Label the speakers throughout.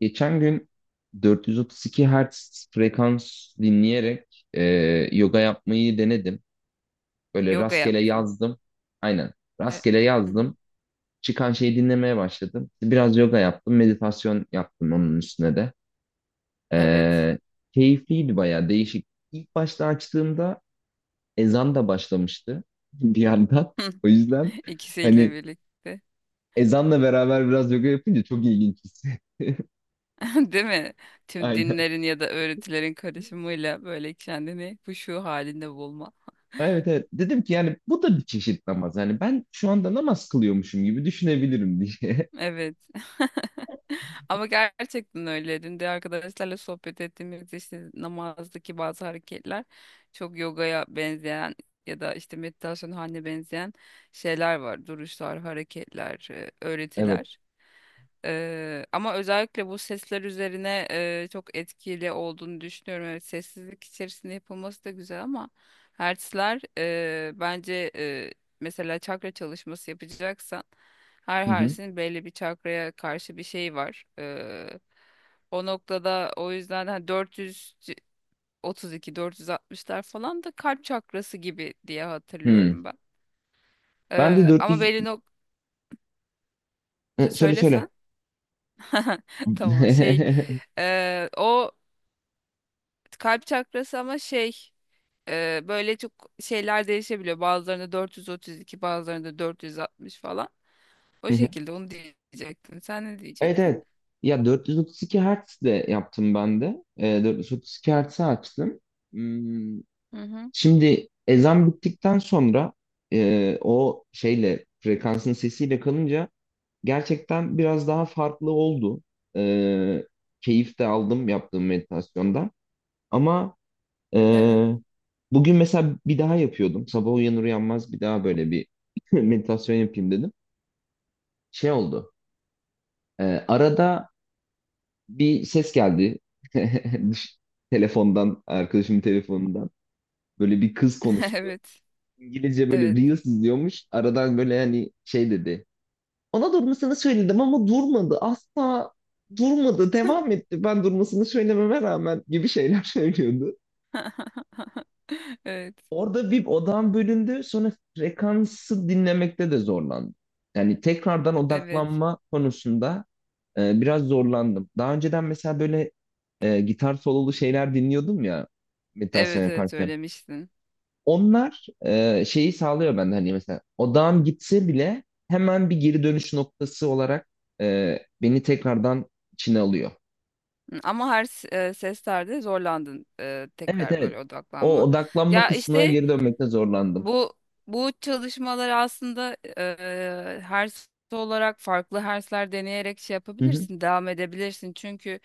Speaker 1: Geçen gün 432 Hz frekans dinleyerek yoga yapmayı denedim. Böyle
Speaker 2: Yoga
Speaker 1: rastgele
Speaker 2: yaptın.
Speaker 1: yazdım. Aynen.
Speaker 2: Evet.
Speaker 1: Rastgele
Speaker 2: Hı hı.
Speaker 1: yazdım. Çıkan şeyi dinlemeye başladım. Biraz yoga yaptım. Meditasyon yaptım onun üstüne de.
Speaker 2: Evet.
Speaker 1: E, Keyifliydi, bayağı değişik. İlk başta açtığımda ezan da başlamıştı bir yandan. O yüzden
Speaker 2: İkisiyle
Speaker 1: hani
Speaker 2: birlikte.
Speaker 1: ezanla beraber biraz yoga yapınca çok ilginç hissi.
Speaker 2: Değil mi? Tüm
Speaker 1: Aynen.
Speaker 2: dinlerin ya da öğretilerin karışımıyla böyle kendini huşu halinde bulma.
Speaker 1: Evet evet, dedim ki yani bu da bir çeşit namaz. Yani ben şu anda namaz kılıyormuşum gibi düşünebilirim diye.
Speaker 2: Evet. Ama gerçekten öyle. Dün de arkadaşlarla sohbet ettiğimiz işte namazdaki bazı hareketler çok yogaya benzeyen ya da işte meditasyon haline benzeyen şeyler var. Duruşlar, hareketler,
Speaker 1: Evet.
Speaker 2: öğretiler. Ama özellikle bu sesler üzerine çok etkili olduğunu düşünüyorum. Evet, sessizlik içerisinde yapılması da güzel ama hertzler bence, mesela çakra çalışması yapacaksan her
Speaker 1: Hı hı.
Speaker 2: harfin belli bir çakraya karşı bir şey var. O noktada o yüzden hani 432 460'lar falan da kalp çakrası gibi diye
Speaker 1: Hı.
Speaker 2: hatırlıyorum ben.
Speaker 1: Ben de
Speaker 2: Ama
Speaker 1: 400.
Speaker 2: belli
Speaker 1: Hı, söyle söyle.
Speaker 2: söylesen. Tamam,
Speaker 1: Hı
Speaker 2: şey o kalp çakrası ama şey böyle çok şeyler değişebiliyor. Bazılarında 432, bazılarında 460 falan. O
Speaker 1: hı.
Speaker 2: şekilde onu diyecektin. Sen ne
Speaker 1: Evet evet.
Speaker 2: diyecektin?
Speaker 1: Ya 432 Hz de yaptım ben de. 432 Hz'i açtım. Hmm,
Speaker 2: Hı hı.
Speaker 1: Şimdi ezan bittikten sonra o şeyle, frekansın sesiyle kalınca gerçekten biraz daha farklı oldu. Ee, Keyif de aldım yaptığım meditasyondan. Ama e,
Speaker 2: Evet.
Speaker 1: bugün mesela bir daha yapıyordum. Sabah uyanır uyanmaz bir daha böyle bir meditasyon yapayım dedim. Şey oldu. Arada bir ses geldi. Düş- Telefondan, arkadaşımın telefonundan. Böyle bir kız konuştu.
Speaker 2: Evet.
Speaker 1: İngilizce böyle
Speaker 2: Evet.
Speaker 1: Reels izliyormuş. Aradan böyle hani şey dedi. Ona durmasını söyledim ama durmadı. Asla durmadı. Devam etti. Ben durmasını söylememe rağmen gibi şeyler söylüyordu.
Speaker 2: Evet.
Speaker 1: Orada bir odam bölündü. Sonra frekansı dinlemekte de zorlandım. Yani tekrardan
Speaker 2: Evet.
Speaker 1: odaklanma konusunda biraz zorlandım. Daha önceden mesela böyle gitar sololu şeyler dinliyordum ya, meditasyon
Speaker 2: Evet, evet,
Speaker 1: yaparken.
Speaker 2: söylemiştin.
Speaker 1: Onlar şeyi sağlıyor bende, hani mesela odağım gitse bile hemen bir geri dönüş noktası olarak beni tekrardan içine alıyor.
Speaker 2: Hı. Ama her seslerde zorlandın,
Speaker 1: Evet
Speaker 2: tekrar
Speaker 1: evet.
Speaker 2: böyle
Speaker 1: O
Speaker 2: odaklanma.
Speaker 1: odaklanma
Speaker 2: Ya
Speaker 1: kısmına
Speaker 2: işte,
Speaker 1: geri dönmekte zorlandım.
Speaker 2: Bu bu çalışmalar aslında hers olarak farklı hersler deneyerek şey
Speaker 1: Hı hı
Speaker 2: yapabilirsin, devam edebilirsin. Çünkü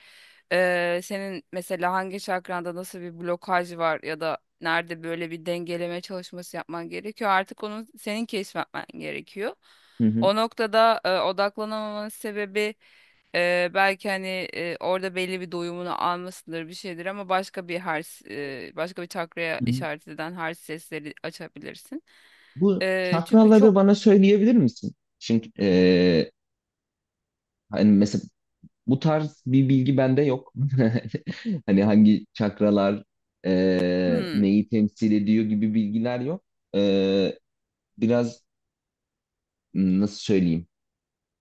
Speaker 2: senin mesela hangi çakranda nasıl bir blokaj var ya da nerede böyle bir dengeleme çalışması yapman gerekiyor. Artık onu senin keşfetmen gerekiyor.
Speaker 1: hı hı.
Speaker 2: O noktada odaklanamamanın sebebi belki hani orada belli bir doyumunu almasıdır, bir şeydir ama başka bir hers, başka bir çakraya
Speaker 1: Hı hı.
Speaker 2: işaret eden hers sesleri açabilirsin.
Speaker 1: Bu
Speaker 2: Çünkü
Speaker 1: çakraları
Speaker 2: çok.
Speaker 1: bana söyleyebilir misin? Çünkü hani mesela bu tarz bir bilgi bende yok. Hani hangi çakralar
Speaker 2: Hmm,
Speaker 1: neyi temsil ediyor gibi bilgiler yok. E, Biraz, nasıl söyleyeyim?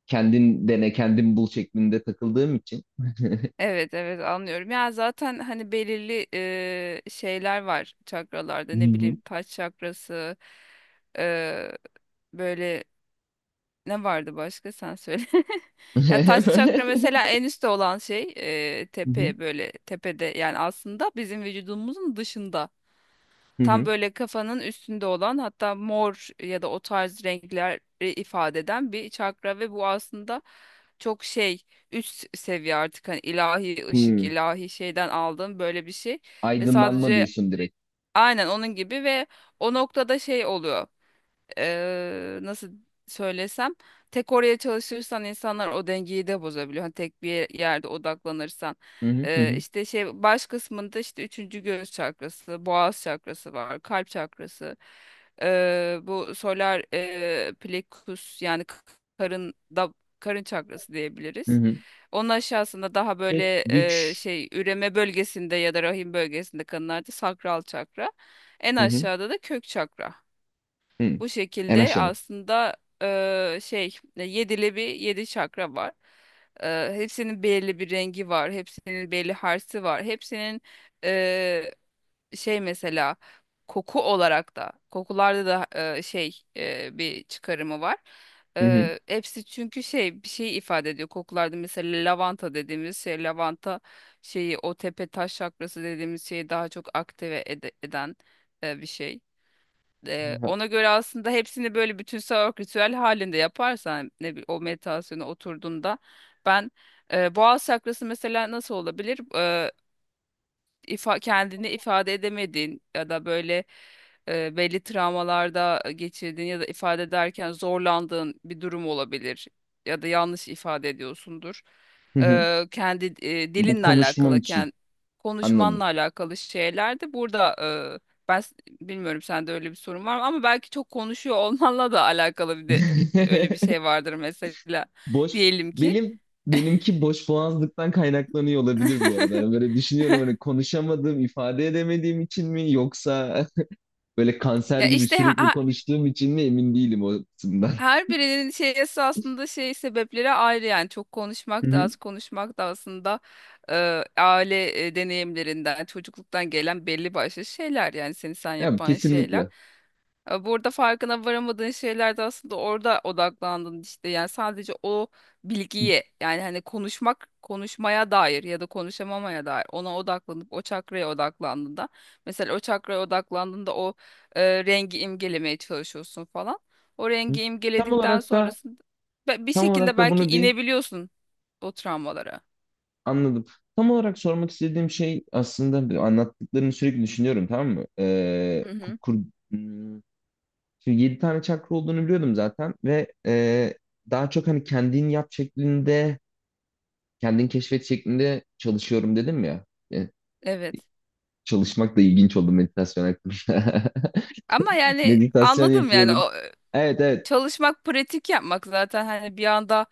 Speaker 1: Kendin dene, kendin bul şeklinde takıldığım için.
Speaker 2: evet, evet, anlıyorum. Ya zaten hani belirli şeyler var çakralarda,
Speaker 1: Hı
Speaker 2: ne
Speaker 1: hı.
Speaker 2: bileyim taç çakrası eee, böyle, ne vardı başka, sen söyle. Ya taş çakra mesela en üstte olan şey,
Speaker 1: Hı hı.
Speaker 2: tepe, böyle tepede yani aslında bizim vücudumuzun dışında.
Speaker 1: Hı
Speaker 2: Tam
Speaker 1: hı.
Speaker 2: böyle kafanın üstünde olan, hatta mor ya da o tarz renkler ifade eden bir çakra ve bu aslında çok şey, üst seviye artık hani ilahi ışık,
Speaker 1: Hı.
Speaker 2: ilahi şeyden aldığım böyle bir şey ve
Speaker 1: Aydınlanma
Speaker 2: sadece
Speaker 1: diyorsun direkt.
Speaker 2: aynen onun gibi ve o noktada şey oluyor, nasıl söylesem, tek oraya çalışırsan insanlar o dengeyi de bozabiliyor. Hani tek bir yerde odaklanırsan.
Speaker 1: Hı hı hı hı.
Speaker 2: İşte şey, baş kısmında işte üçüncü göğüs çakrası, boğaz çakrası var, kalp çakrası. Bu solar plexus yani karın da, karın çakrası
Speaker 1: Hı
Speaker 2: diyebiliriz.
Speaker 1: hı.
Speaker 2: Onun aşağısında daha
Speaker 1: Kök,
Speaker 2: böyle
Speaker 1: güç.
Speaker 2: şey, üreme bölgesinde ya da rahim bölgesinde kadınlarda sakral çakra. En
Speaker 1: Hı hı.
Speaker 2: aşağıda da kök çakra.
Speaker 1: Hı.
Speaker 2: Bu
Speaker 1: En
Speaker 2: şekilde
Speaker 1: aşağı.
Speaker 2: aslında şey, yedili bir, yedi çakra var. Hepsinin belli bir rengi var. Hepsinin belli harsi var. Hepsinin eee, şey mesela koku olarak da, kokularda da bir çıkarımı var.
Speaker 1: Hı hı.
Speaker 2: Hepsi çünkü şey, bir şey ifade ediyor. Kokularda mesela lavanta dediğimiz şey, lavanta şeyi, o tepe taş çakrası dediğimiz şeyi daha çok aktive eden bir şey. Ona göre aslında hepsini böyle bütünsel olarak ritüel halinde yaparsan, o meditasyona oturduğunda ben, boğaz çakrası mesela nasıl olabilir? Kendini ifade edemediğin ya da böyle, belli travmalarda geçirdiğin ya da ifade ederken zorlandığın bir durum olabilir ya da yanlış ifade ediyorsundur.
Speaker 1: Hı hı.
Speaker 2: Kendi,
Speaker 1: Bu
Speaker 2: dilinle
Speaker 1: konuşmam
Speaker 2: alakalı,
Speaker 1: için.
Speaker 2: kendi konuşmanla
Speaker 1: Anladım.
Speaker 2: alakalı şeyler de burada e, ben s- Bilmiyorum sende öyle bir sorun var mı, ama belki çok konuşuyor olmanla da alakalı, bir de öyle bir şey vardır mesela,
Speaker 1: Boş
Speaker 2: diyelim ki.
Speaker 1: benim benimki boş boğazlıktan kaynaklanıyor olabilir bu arada. Yani böyle düşünüyorum hani konuşamadığım, ifade edemediğim için mi, yoksa böyle kanser
Speaker 2: Ya
Speaker 1: gibi
Speaker 2: işte
Speaker 1: sürekli
Speaker 2: ha,
Speaker 1: konuştuğum için mi, emin değilim o kısımdan.
Speaker 2: Her birinin şeysi aslında, şey, sebepleri ayrı yani, çok
Speaker 1: Hı
Speaker 2: konuşmak da
Speaker 1: hı.
Speaker 2: az konuşmak da aslında e, aile, deneyimlerinden, çocukluktan gelen belli başlı şeyler, yani seni sen
Speaker 1: Ya,
Speaker 2: yapan şeyler.
Speaker 1: kesinlikle.
Speaker 2: Burada farkına varamadığın şeyler de aslında, orada odaklandın işte, yani sadece o bilgiye, yani hani konuşmak, konuşmaya dair ya da konuşamamaya dair, ona odaklanıp o çakraya odaklandığında, mesela o çakraya odaklandığında o rengi imgelemeye çalışıyorsun falan. O
Speaker 1: Hı.
Speaker 2: rengi
Speaker 1: Tam
Speaker 2: imgeledikten
Speaker 1: olarak da
Speaker 2: sonrasında bir
Speaker 1: tam olarak
Speaker 2: şekilde
Speaker 1: da
Speaker 2: belki
Speaker 1: bunu bir
Speaker 2: inebiliyorsun o travmalara.
Speaker 1: anladım. Tam olarak sormak istediğim şey aslında, bir, anlattıklarını sürekli düşünüyorum, tamam mı?
Speaker 2: Hı hı.
Speaker 1: Hmm, Şimdi 7 tane çakra olduğunu biliyordum zaten, ve daha çok hani kendin yap şeklinde, kendin keşfet şeklinde çalışıyorum dedim ya. E,
Speaker 2: Evet.
Speaker 1: Çalışmak da ilginç oldu meditasyon hakkında.
Speaker 2: Ama yani
Speaker 1: Meditasyon
Speaker 2: anladım, yani
Speaker 1: yapıyorum.
Speaker 2: o
Speaker 1: Evet evet.
Speaker 2: çalışmak, pratik yapmak zaten hani, bir anda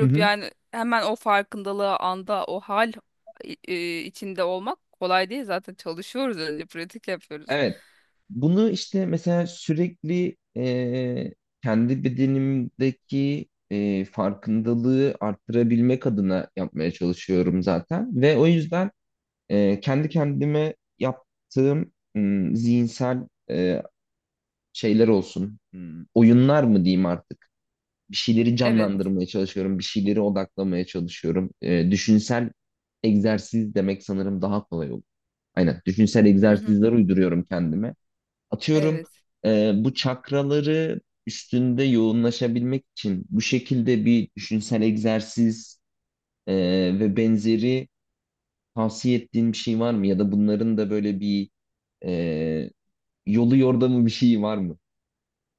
Speaker 1: Hı hı.
Speaker 2: yani hemen o farkındalığı anda, o hal içinde olmak kolay değil, zaten çalışıyoruz, önce pratik yapıyoruz.
Speaker 1: Evet. Bunu işte mesela sürekli kendi bedenimdeki farkındalığı arttırabilmek adına yapmaya çalışıyorum zaten. Ve o yüzden kendi kendime yaptığım zihinsel şeyler olsun. Oyunlar mı diyeyim artık? Bir şeyleri
Speaker 2: Evet.
Speaker 1: canlandırmaya çalışıyorum, bir şeyleri odaklamaya çalışıyorum. Düşünsel egzersiz demek sanırım daha kolay olur. Aynen, düşünsel
Speaker 2: Hı hı.
Speaker 1: egzersizler uyduruyorum kendime. Atıyorum,
Speaker 2: Evet.
Speaker 1: bu çakraları üstünde yoğunlaşabilmek için bu şekilde bir düşünsel egzersiz e, ve benzeri tavsiye ettiğin bir şey var mı? Ya da bunların da böyle bir Ee, yolu yordamı bir şey var mı?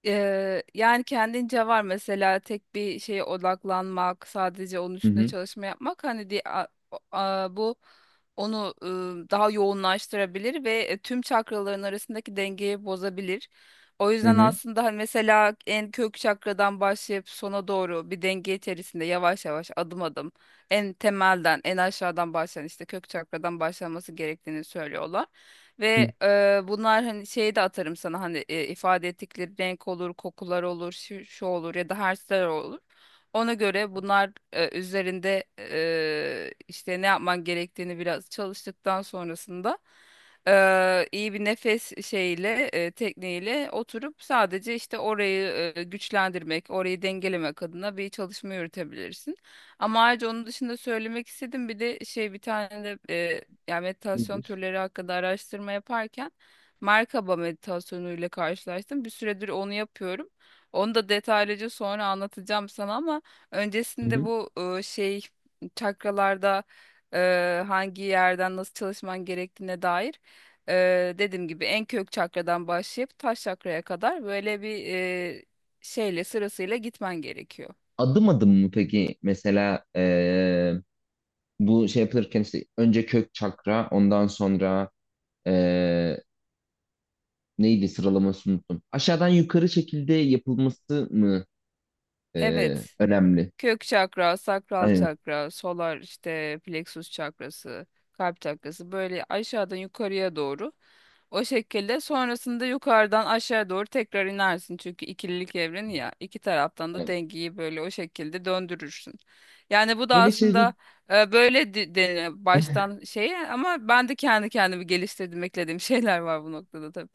Speaker 2: Yani kendince var mesela, tek bir şeye odaklanmak, sadece onun
Speaker 1: Hı
Speaker 2: üstüne
Speaker 1: hı.
Speaker 2: çalışma yapmak hani bu onu, daha yoğunlaştırabilir ve tüm çakraların arasındaki dengeyi bozabilir. O
Speaker 1: Hı
Speaker 2: yüzden
Speaker 1: hı.
Speaker 2: aslında hani mesela en kök çakradan başlayıp sona doğru, bir denge içerisinde yavaş yavaş, adım adım, en temelden, en aşağıdan başlayan işte kök çakradan başlanması gerektiğini söylüyorlar.
Speaker 1: Hı.
Speaker 2: Ve bunlar hani şeyi de atarım sana, hani ifade ettikleri renk olur, kokular olur, şu, şu olur ya da harfler olur. Ona göre bunlar üzerinde, işte ne yapman gerektiğini biraz çalıştıktan sonrasında, iyi bir nefes şeyiyle, tekniğiyle oturup sadece işte orayı güçlendirmek, orayı dengelemek adına bir çalışma yürütebilirsin. Ama ayrıca onun dışında söylemek istedim bir de şey, bir tane de yani meditasyon
Speaker 1: Nedir?
Speaker 2: türleri hakkında araştırma yaparken Merkaba meditasyonuyla karşılaştım. Bir süredir onu yapıyorum. Onu da detaylıca sonra anlatacağım sana ama
Speaker 1: Hı.
Speaker 2: öncesinde
Speaker 1: Hı.
Speaker 2: bu, şey, çakralarda, hangi yerden nasıl çalışman gerektiğine dair, dediğim gibi en kök çakradan başlayıp taş çakraya kadar böyle bir, şeyle sırasıyla gitmen gerekiyor.
Speaker 1: Adım adım mı peki? Mesela bu şey yapılırken işte önce kök çakra, ondan sonra ee, neydi, sıralamasını unuttum. Aşağıdan yukarı şekilde yapılması mı
Speaker 2: Evet.
Speaker 1: önemli?
Speaker 2: Kök çakra, sakral
Speaker 1: Aynen.
Speaker 2: çakra, solar işte plexus çakrası, kalp çakrası, böyle aşağıdan yukarıya doğru. O şekilde sonrasında yukarıdan aşağı doğru tekrar inersin. Çünkü ikililik evreni ya, iki taraftan da
Speaker 1: Aynen.
Speaker 2: dengeyi böyle o şekilde döndürürsün. Yani bu da
Speaker 1: Böyle şeyler.
Speaker 2: aslında, böyle deniyor baştan şey, ama ben de kendi kendimi geliştirdim, eklediğim şeyler var bu noktada tabii.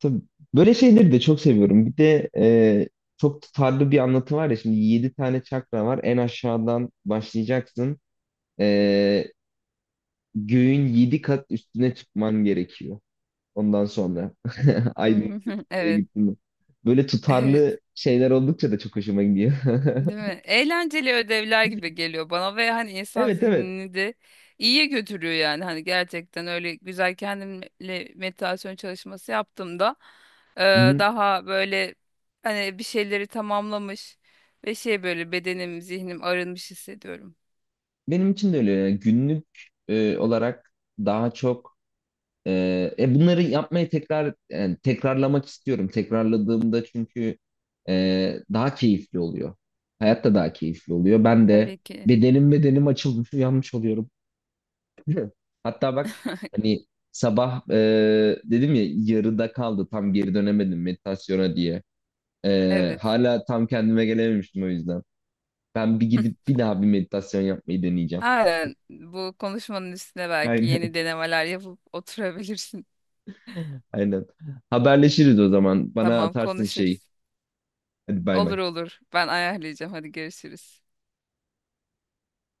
Speaker 1: Tabii. Böyle şeyleri de çok seviyorum. Bir de çok tutarlı bir anlatı var ya. Şimdi 7 tane çakra var. En aşağıdan başlayacaksın. E, Göğün yedi kat üstüne çıkman gerekiyor. Ondan sonra aydınlık bir şeye
Speaker 2: Evet.
Speaker 1: gittin mi? Böyle
Speaker 2: Evet.
Speaker 1: tutarlı şeyler oldukça da çok hoşuma gidiyor.
Speaker 2: Değil mi? Eğlenceli ödevler gibi geliyor bana ve hani insan
Speaker 1: Evet evet.
Speaker 2: zihnini de iyiye götürüyor yani. Hani gerçekten öyle güzel kendimle meditasyon çalışması yaptığımda e,
Speaker 1: Hı-hı.
Speaker 2: daha böyle hani bir şeyleri tamamlamış ve şey, böyle bedenim, zihnim arınmış hissediyorum.
Speaker 1: Benim için de öyle. Yani günlük olarak daha çok e, bunları yapmayı tekrar, yani tekrarlamak istiyorum. Tekrarladığımda çünkü daha keyifli oluyor. Hayat da daha keyifli oluyor. Ben de
Speaker 2: Tabii ki.
Speaker 1: bedenim açılmış, uyanmış oluyorum. Hatta bak, hani sabah dedim ya, yarıda kaldı, tam geri dönemedim meditasyona diye.
Speaker 2: Evet.
Speaker 1: Hala tam kendime gelememiştim o yüzden. Ben bir gidip bir daha bir meditasyon yapmayı deneyeceğim.
Speaker 2: Aynen. Bu konuşmanın üstüne belki yeni
Speaker 1: Aynen
Speaker 2: denemeler yapıp oturabilirsin.
Speaker 1: aynen. Haberleşiriz o zaman. Bana
Speaker 2: Tamam,
Speaker 1: atarsın şey.
Speaker 2: konuşuruz.
Speaker 1: Hadi bay bay.
Speaker 2: Olur, olur. Ben ayarlayacağım. Hadi görüşürüz.